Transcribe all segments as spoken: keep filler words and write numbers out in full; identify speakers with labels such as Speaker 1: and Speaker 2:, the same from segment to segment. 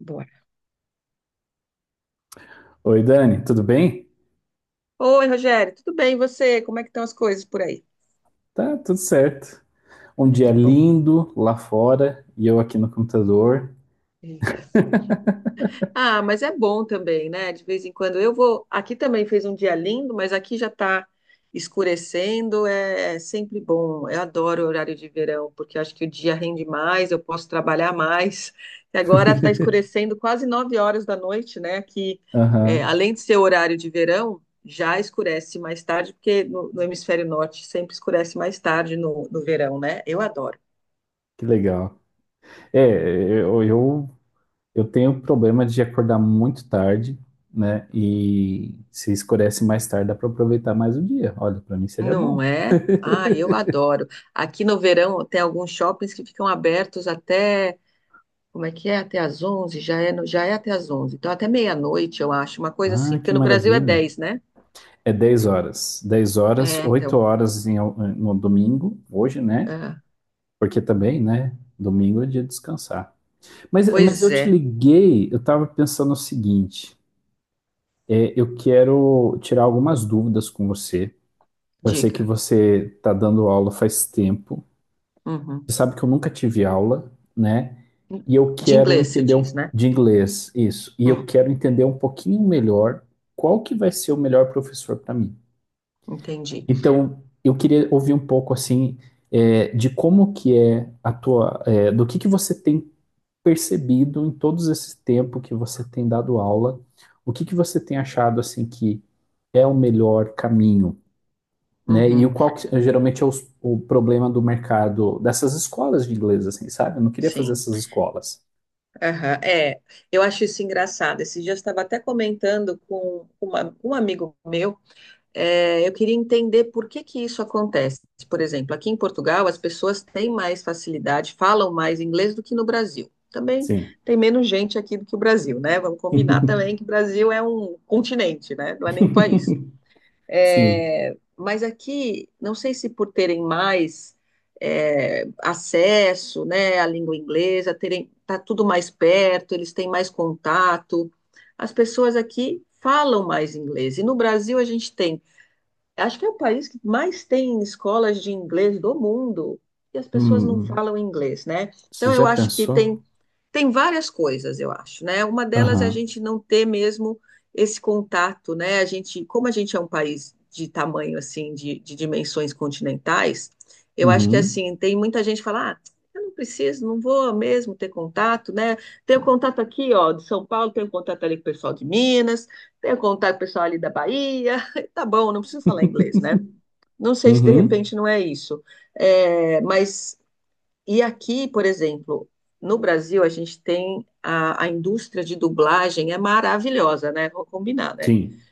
Speaker 1: Bora.
Speaker 2: Oi, Dani, tudo bem?
Speaker 1: Oi, Rogério, tudo bem? E você? Como é que estão as coisas por aí?
Speaker 2: Tá, tudo certo. Um dia
Speaker 1: Que bom.
Speaker 2: lindo lá fora e eu aqui no computador.
Speaker 1: Eita. Ah, mas é bom também, né? De vez em quando eu vou. Aqui também fez um dia lindo, mas aqui já está escurecendo. É, é sempre bom. Eu adoro o horário de verão, porque eu acho que o dia rende mais, eu posso trabalhar mais. E agora está escurecendo quase nove horas da noite, né? Aqui, é,
Speaker 2: Aham,
Speaker 1: além de ser horário de verão, já escurece mais tarde, porque no, no hemisfério norte sempre escurece mais tarde no, no verão, né? Eu adoro.
Speaker 2: que legal. É, eu, eu, eu tenho problema de acordar muito tarde, né? E se escurece mais tarde, dá para aproveitar mais o dia. Olha, para mim seria
Speaker 1: Não
Speaker 2: bom.
Speaker 1: é? Ah, eu adoro. Aqui no verão tem alguns shoppings que ficam abertos até, como é que é? Até às onze. Já é, no- já é até às onze. Então até meia-noite, eu acho, uma coisa assim,
Speaker 2: Ah, que
Speaker 1: porque no Brasil é
Speaker 2: maravilha.
Speaker 1: dez, né?
Speaker 2: É dez horas. Dez horas,
Speaker 1: É,
Speaker 2: oito
Speaker 1: então.
Speaker 2: horas em- no domingo, hoje, né?
Speaker 1: É.
Speaker 2: Porque também, né? Domingo é dia de descansar. Mas, mas
Speaker 1: Pois
Speaker 2: eu te
Speaker 1: é,
Speaker 2: liguei, eu estava pensando o seguinte: é, eu quero tirar algumas dúvidas com você. Eu sei que
Speaker 1: diga.
Speaker 2: você está dando aula faz tempo.
Speaker 1: Uhum.
Speaker 2: Você sabe que eu nunca tive aula, né? E eu
Speaker 1: De
Speaker 2: quero
Speaker 1: inglês se
Speaker 2: entender
Speaker 1: diz,
Speaker 2: um,
Speaker 1: né?
Speaker 2: de inglês, isso. E eu
Speaker 1: Hum,
Speaker 2: quero entender um pouquinho melhor qual que vai ser o melhor professor para mim.
Speaker 1: entendi.
Speaker 2: Então, eu queria ouvir um pouco assim é, de como que é a tua, é, do que que você tem percebido em todos esse tempo que você tem dado aula? O que que você tem achado assim que é o melhor caminho, né? E
Speaker 1: Uhum.
Speaker 2: o qual que, eh, geralmente é os- o problema do mercado dessas escolas de inglês, assim, sabe? Eu não queria fazer
Speaker 1: Sim.
Speaker 2: essas escolas.
Speaker 1: Aham. É, eu acho isso engraçado. Esses dias eu estava até comentando com uma- um amigo meu. É, eu queria entender por que que isso acontece. Por exemplo, aqui em Portugal, as pessoas têm mais facilidade, falam mais inglês do que no Brasil. Também
Speaker 2: Sim.
Speaker 1: tem menos gente aqui do que o Brasil, né? Vamos combinar também que o Brasil é um continente, né? Não é nem um país.
Speaker 2: Sim.
Speaker 1: É, mas aqui, não sei se por terem mais é, acesso, né, à língua inglesa, terem, tá tudo mais perto, eles têm mais contato. As pessoas aqui falam mais inglês. E no Brasil a gente tem, acho que é o país que mais tem escolas de inglês do mundo, e as pessoas não
Speaker 2: Hum,
Speaker 1: falam inglês, né?
Speaker 2: você
Speaker 1: Então eu
Speaker 2: já
Speaker 1: acho que
Speaker 2: pensou?
Speaker 1: tem, tem várias coisas, eu acho, né? Uma delas é a
Speaker 2: Aham.
Speaker 1: gente não ter mesmo esse contato, né? A gente, como a gente é um país de tamanho assim, de, de dimensões continentais, eu acho que
Speaker 2: Uhum.
Speaker 1: assim, tem muita gente que fala, ah, eu não preciso, não vou mesmo ter contato, né? Tenho contato aqui, ó, de São Paulo, tenho contato ali com o pessoal de Minas, tenho contato com o pessoal ali da Bahia, tá bom, não preciso falar inglês, né? Não sei se de
Speaker 2: Uhum.
Speaker 1: repente não é isso, é, mas e aqui, por exemplo, no Brasil, a gente tem a, a indústria de dublagem é maravilhosa, né? Vou combinar, né?
Speaker 2: Sim.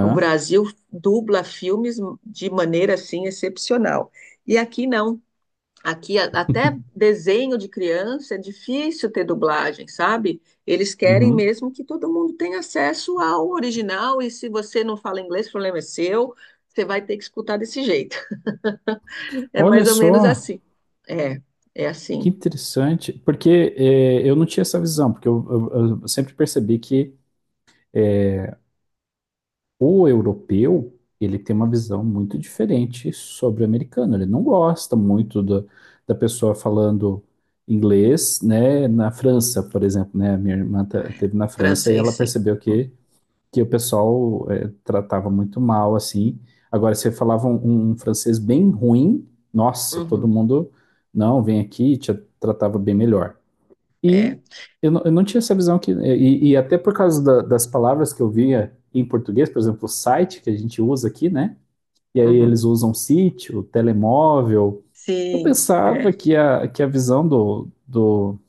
Speaker 1: O Brasil dubla filmes de maneira assim excepcional. E aqui não. Aqui a- até desenho de criança é difícil ter dublagem, sabe? Eles querem
Speaker 2: Uhum.
Speaker 1: mesmo que todo mundo tenha acesso ao original, e se você não fala inglês, o problema é seu. Você vai ter que escutar desse jeito. É
Speaker 2: Olha
Speaker 1: mais ou menos
Speaker 2: só.
Speaker 1: assim. É, é
Speaker 2: Que
Speaker 1: assim.
Speaker 2: interessante, porque é, eu não tinha essa visão, porque eu, eu- eu sempre percebi que o europeu, ele tem uma visão muito diferente sobre o americano. Ele não gosta muito da, da pessoa falando inglês, né? Na França, por exemplo, né? A minha irmã ta-
Speaker 1: É,
Speaker 2: teve na França e
Speaker 1: francês,
Speaker 2: ela
Speaker 1: sim.
Speaker 2: percebeu que, que o pessoal é, tratava muito mal, assim. Agora, se falava um, um um francês bem ruim, nossa, todo
Speaker 1: Uhum,
Speaker 2: mundo, não, vem aqui, te tratava bem melhor.
Speaker 1: é.
Speaker 2: E eu não, eu não tinha essa visão que. E, e até por causa da- das palavras que eu via em português, por exemplo, o site que a gente usa aqui, né? E aí
Speaker 1: Uhum.
Speaker 2: eles usam sítio, telemóvel. Eu
Speaker 1: Sim. É.
Speaker 2: pensava que a, que a visão do, do,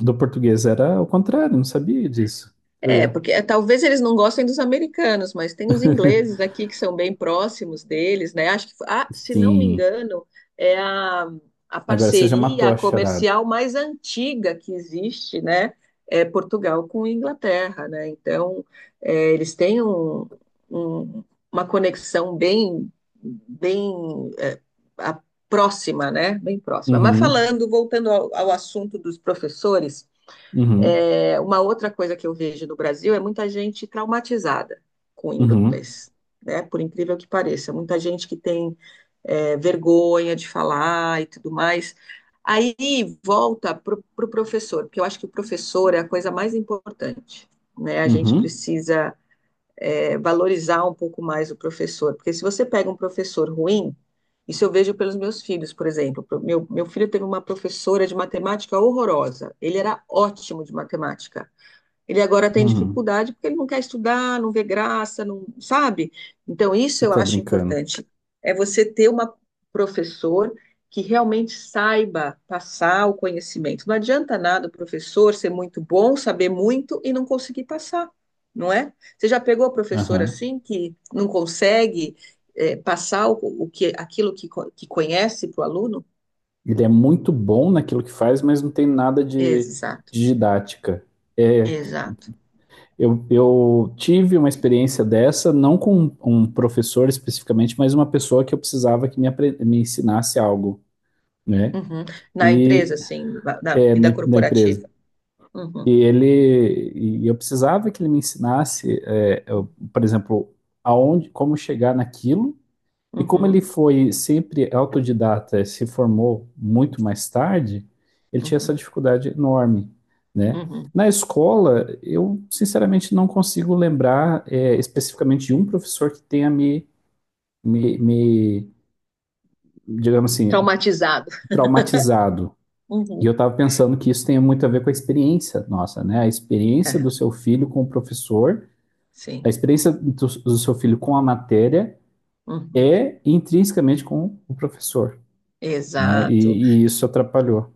Speaker 2: do português era o contrário, não sabia disso.
Speaker 1: É,
Speaker 2: Legal.
Speaker 1: porque é, talvez eles não gostem dos americanos, mas tem os ingleses aqui que são bem próximos deles, né? Acho que, ah, se não me
Speaker 2: Sim.
Speaker 1: engano, é a, a
Speaker 2: Agora você já matou
Speaker 1: parceria
Speaker 2: a charada.
Speaker 1: comercial mais antiga que existe, né? É Portugal com Inglaterra, né? Então, é, eles têm um- um- uma conexão bem, bem é, a- próxima, né? Bem próxima. Mas
Speaker 2: Uhum,
Speaker 1: falando, voltando ao ao assunto dos professores.
Speaker 2: uhum,
Speaker 1: É, uma outra coisa que eu vejo no Brasil é muita gente traumatizada com o
Speaker 2: uhum,
Speaker 1: inglês, né? Por incrível que pareça, muita gente que tem é, vergonha de falar e tudo mais. Aí volta para o pro professor, porque eu acho que o professor é a coisa mais importante, né? A gente
Speaker 2: uhum,
Speaker 1: precisa é, valorizar um pouco mais o professor. Porque se você pega um professor ruim, isso eu vejo pelos meus filhos, por exemplo. Meu, meu filho teve uma professora de matemática horrorosa. Ele era ótimo de matemática. Ele agora tem
Speaker 2: uhum.
Speaker 1: dificuldade porque ele não quer estudar, não vê graça, não sabe? Então, isso
Speaker 2: Você
Speaker 1: eu
Speaker 2: tá
Speaker 1: acho
Speaker 2: brincando.
Speaker 1: importante. É você ter uma, professor que realmente saiba passar o conhecimento. Não adianta nada o professor ser muito bom, saber muito e não conseguir passar, não é? Você já pegou o professor assim que não consegue é, passar o, o que, aquilo que, co- que conhece para o aluno?
Speaker 2: Ele é muito bom naquilo que faz, mas não tem nada de,
Speaker 1: Exato,
Speaker 2: de didática. É,
Speaker 1: exato.
Speaker 2: eu, eu tive uma experiência dessa, não com um professor especificamente, mas uma pessoa que eu precisava que me, me ensinasse algo, né?
Speaker 1: Uhum. Na
Speaker 2: E
Speaker 1: empresa, assim, na, na
Speaker 2: é, na,
Speaker 1: vida
Speaker 2: na empresa.
Speaker 1: corporativa.
Speaker 2: E
Speaker 1: Uhum.
Speaker 2: ele, e eu precisava que ele me ensinasse, é, eu, por exemplo, aonde, como chegar naquilo. E como ele
Speaker 1: Uhum,
Speaker 2: foi sempre autodidata, e se formou muito mais tarde, ele tinha essa
Speaker 1: uhum,
Speaker 2: dificuldade enorme, né?
Speaker 1: uhum.
Speaker 2: Na escola, eu sinceramente não consigo lembrar é, especificamente de um professor que tenha me, me, me, digamos assim,
Speaker 1: Traumatizado.
Speaker 2: traumatizado. E
Speaker 1: Uhum.
Speaker 2: eu estava pensando que isso tem muito a ver com a experiência nossa, né? A experiência do
Speaker 1: Aham.
Speaker 2: seu filho com o professor, a
Speaker 1: Sim.
Speaker 2: experiência do, do seu filho com a matéria
Speaker 1: Uhum.
Speaker 2: é intrinsecamente com o professor. Né?
Speaker 1: Exato.
Speaker 2: E, e isso atrapalhou.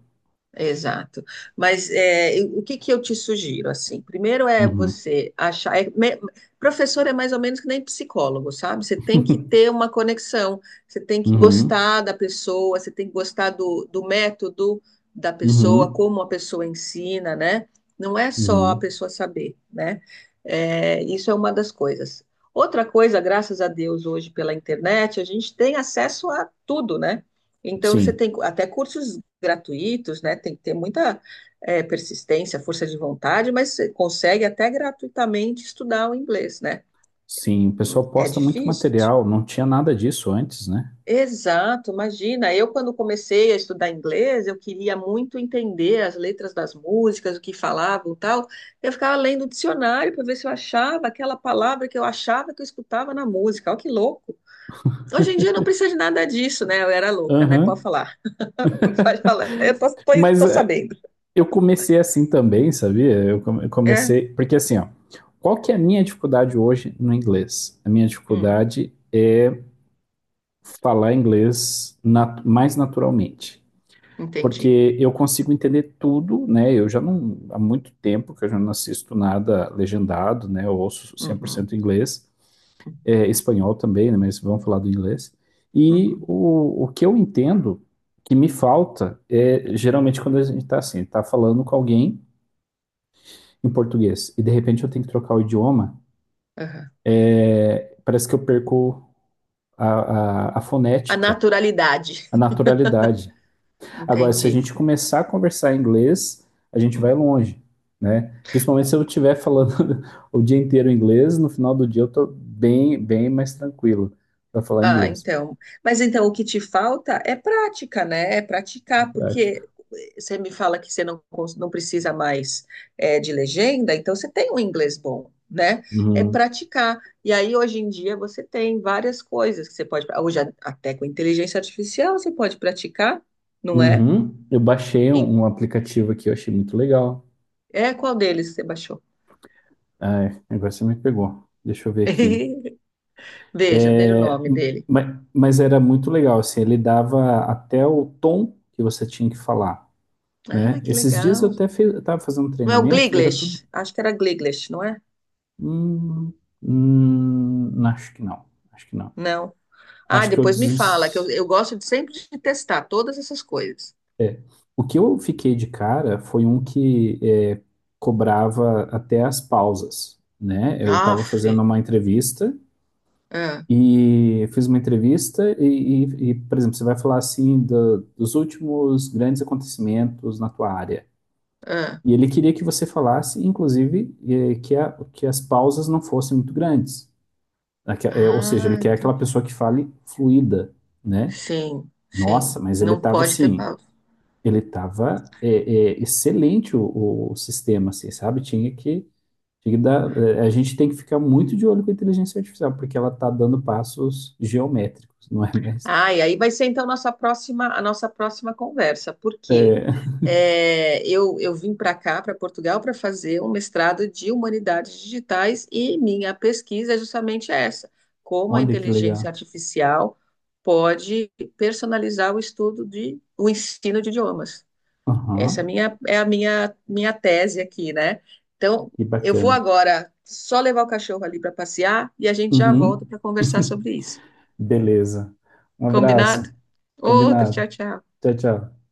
Speaker 1: Exato. Mas é, eu- o que que eu te sugiro, assim? Primeiro é
Speaker 2: Uhum.
Speaker 1: você achar... é me- professor é mais ou menos que nem psicólogo, sabe? Você tem que ter uma conexão, você tem que
Speaker 2: Uhum.
Speaker 1: gostar da pessoa, você tem que gostar do, do método da pessoa,
Speaker 2: Uhum.
Speaker 1: como a pessoa ensina, né? Não é só a
Speaker 2: Uhum.
Speaker 1: pessoa saber, né? É, isso é uma das coisas. Outra coisa, graças a Deus, hoje pela internet, a gente tem acesso a tudo, né? Então, você
Speaker 2: Sim,
Speaker 1: tem até cursos gratuitos, né? Tem que ter muita eh, persistência, força de vontade, mas você consegue até gratuitamente estudar o inglês, né?
Speaker 2: sim. O
Speaker 1: Hum.
Speaker 2: pessoal
Speaker 1: É
Speaker 2: posta muito
Speaker 1: difícil.
Speaker 2: material, não tinha nada disso antes, né?
Speaker 1: Exato, imagina. Eu, quando comecei a estudar inglês, eu queria muito entender as letras das músicas, o que falavam e tal. Eu ficava lendo o dicionário para ver se eu achava aquela palavra que eu achava que eu escutava na música. Olha que louco. Hoje em dia não precisa de nada disso, né? Eu era louca, né? Pode
Speaker 2: Aham.
Speaker 1: falar. Pode falar. Eu tô, tô,
Speaker 2: Mas
Speaker 1: tô
Speaker 2: é,
Speaker 1: sabendo.
Speaker 2: eu comecei assim também, sabia? Eu come- eu
Speaker 1: É.
Speaker 2: comecei. Porque assim, ó, qual que é a minha dificuldade hoje no inglês? A minha
Speaker 1: Hum.
Speaker 2: dificuldade é falar inglês nat- mais naturalmente.
Speaker 1: Entendi.
Speaker 2: Porque eu consigo entender tudo, né? Eu já não, há muito tempo que eu já não assisto nada legendado, né? Eu ouço
Speaker 1: Uhum,
Speaker 2: cem por cento inglês, é, espanhol também, né? Mas vamos falar do inglês. E
Speaker 1: uhum,
Speaker 2: o, o que eu entendo que me falta é geralmente quando a gente está assim, está falando com alguém em português e de repente eu tenho que trocar o idioma,
Speaker 1: aham.
Speaker 2: parece que eu perco a, a, a
Speaker 1: A
Speaker 2: fonética,
Speaker 1: naturalidade,
Speaker 2: a naturalidade. Agora, se a
Speaker 1: entendi.
Speaker 2: gente começar a conversar em inglês, a gente vai
Speaker 1: Hum.
Speaker 2: longe, né? Principalmente se eu estiver falando o dia inteiro inglês, no final do dia eu tô bem, bem mais tranquilo para falar
Speaker 1: Ah,
Speaker 2: inglês.
Speaker 1: então. Mas então o que te falta é prática, né? É praticar,
Speaker 2: Prática.
Speaker 1: porque eh, você me fala que você não, cons- não precisa mais eh, de legenda, então você tem um inglês bom, né? É
Speaker 2: Uhum.
Speaker 1: praticar. E aí hoje em dia você tem várias coisas que você pode. Hoje a- até com inteligência artificial você pode praticar, não é?
Speaker 2: Uhum. Eu baixei um,
Speaker 1: Em-
Speaker 2: um aplicativo aqui, eu achei muito legal.
Speaker 1: É qual deles você baixou?
Speaker 2: Ai, agora você me pegou. Deixa eu ver aqui.
Speaker 1: Veja, veja o
Speaker 2: É,
Speaker 1: nome dele.
Speaker 2: ma- mas, era muito legal, assim, ele dava até o tom que você tinha que falar,
Speaker 1: Ah,
Speaker 2: né?
Speaker 1: que
Speaker 2: Esses dias eu
Speaker 1: legal.
Speaker 2: até estava fazendo um
Speaker 1: Não é o
Speaker 2: treinamento e era tudo.
Speaker 1: Gliglish? Acho que era Gliglish, não é?
Speaker 2: Hum, hum, acho que não. Acho que não.
Speaker 1: Não. Ah,
Speaker 2: Acho que eu
Speaker 1: depois me fala, que eu,
Speaker 2: des...
Speaker 1: eu gosto de sempre de testar todas essas coisas.
Speaker 2: O que eu fiquei de cara foi um que é, cobrava até as pausas, né? Eu estava
Speaker 1: Aff.
Speaker 2: fazendo uma entrevista
Speaker 1: Ah,
Speaker 2: e fiz uma entrevista e, e- e, por exemplo, você vai falar assim do- dos últimos grandes acontecimentos na tua área.
Speaker 1: ah.
Speaker 2: E ele queria que você falasse, inclusive, eh, que, a- que as pausas não fossem muito grandes. Aque- eh, Ou seja, ele
Speaker 1: Ah,
Speaker 2: quer aquela
Speaker 1: entendi.
Speaker 2: pessoa que fale fluida, né?
Speaker 1: Sim,
Speaker 2: Nossa,
Speaker 1: sim.
Speaker 2: mas ele
Speaker 1: Não
Speaker 2: tava
Speaker 1: pode ter.
Speaker 2: assim, ele tava é, é, excelente o, o sistema, assim, sabe? Tinha que, tinha que dar, é, a gente tem que ficar muito de olho com a inteligência artificial, porque ela está dando passos geométricos, não é mesmo?
Speaker 1: Ah, e aí vai ser então nossa próxima, a nossa próxima conversa, porque
Speaker 2: É,
Speaker 1: é, eu, eu vim para cá, para Portugal, para fazer um mestrado de humanidades digitais, e minha pesquisa é justamente essa: como a
Speaker 2: olha que legal.
Speaker 1: inteligência artificial pode personalizar o estudo de o ensino de idiomas.
Speaker 2: Aham,
Speaker 1: Essa é a minha, é a minha, minha tese aqui, né? Então,
Speaker 2: que
Speaker 1: eu vou
Speaker 2: bacana.
Speaker 1: agora só levar o cachorro ali para passear e a gente já volta
Speaker 2: Uhum.
Speaker 1: para conversar sobre isso.
Speaker 2: Beleza. Um
Speaker 1: Combinado?
Speaker 2: abraço.
Speaker 1: Outro,
Speaker 2: Combinado.
Speaker 1: tchau, tchau.
Speaker 2: Tchau, tchau.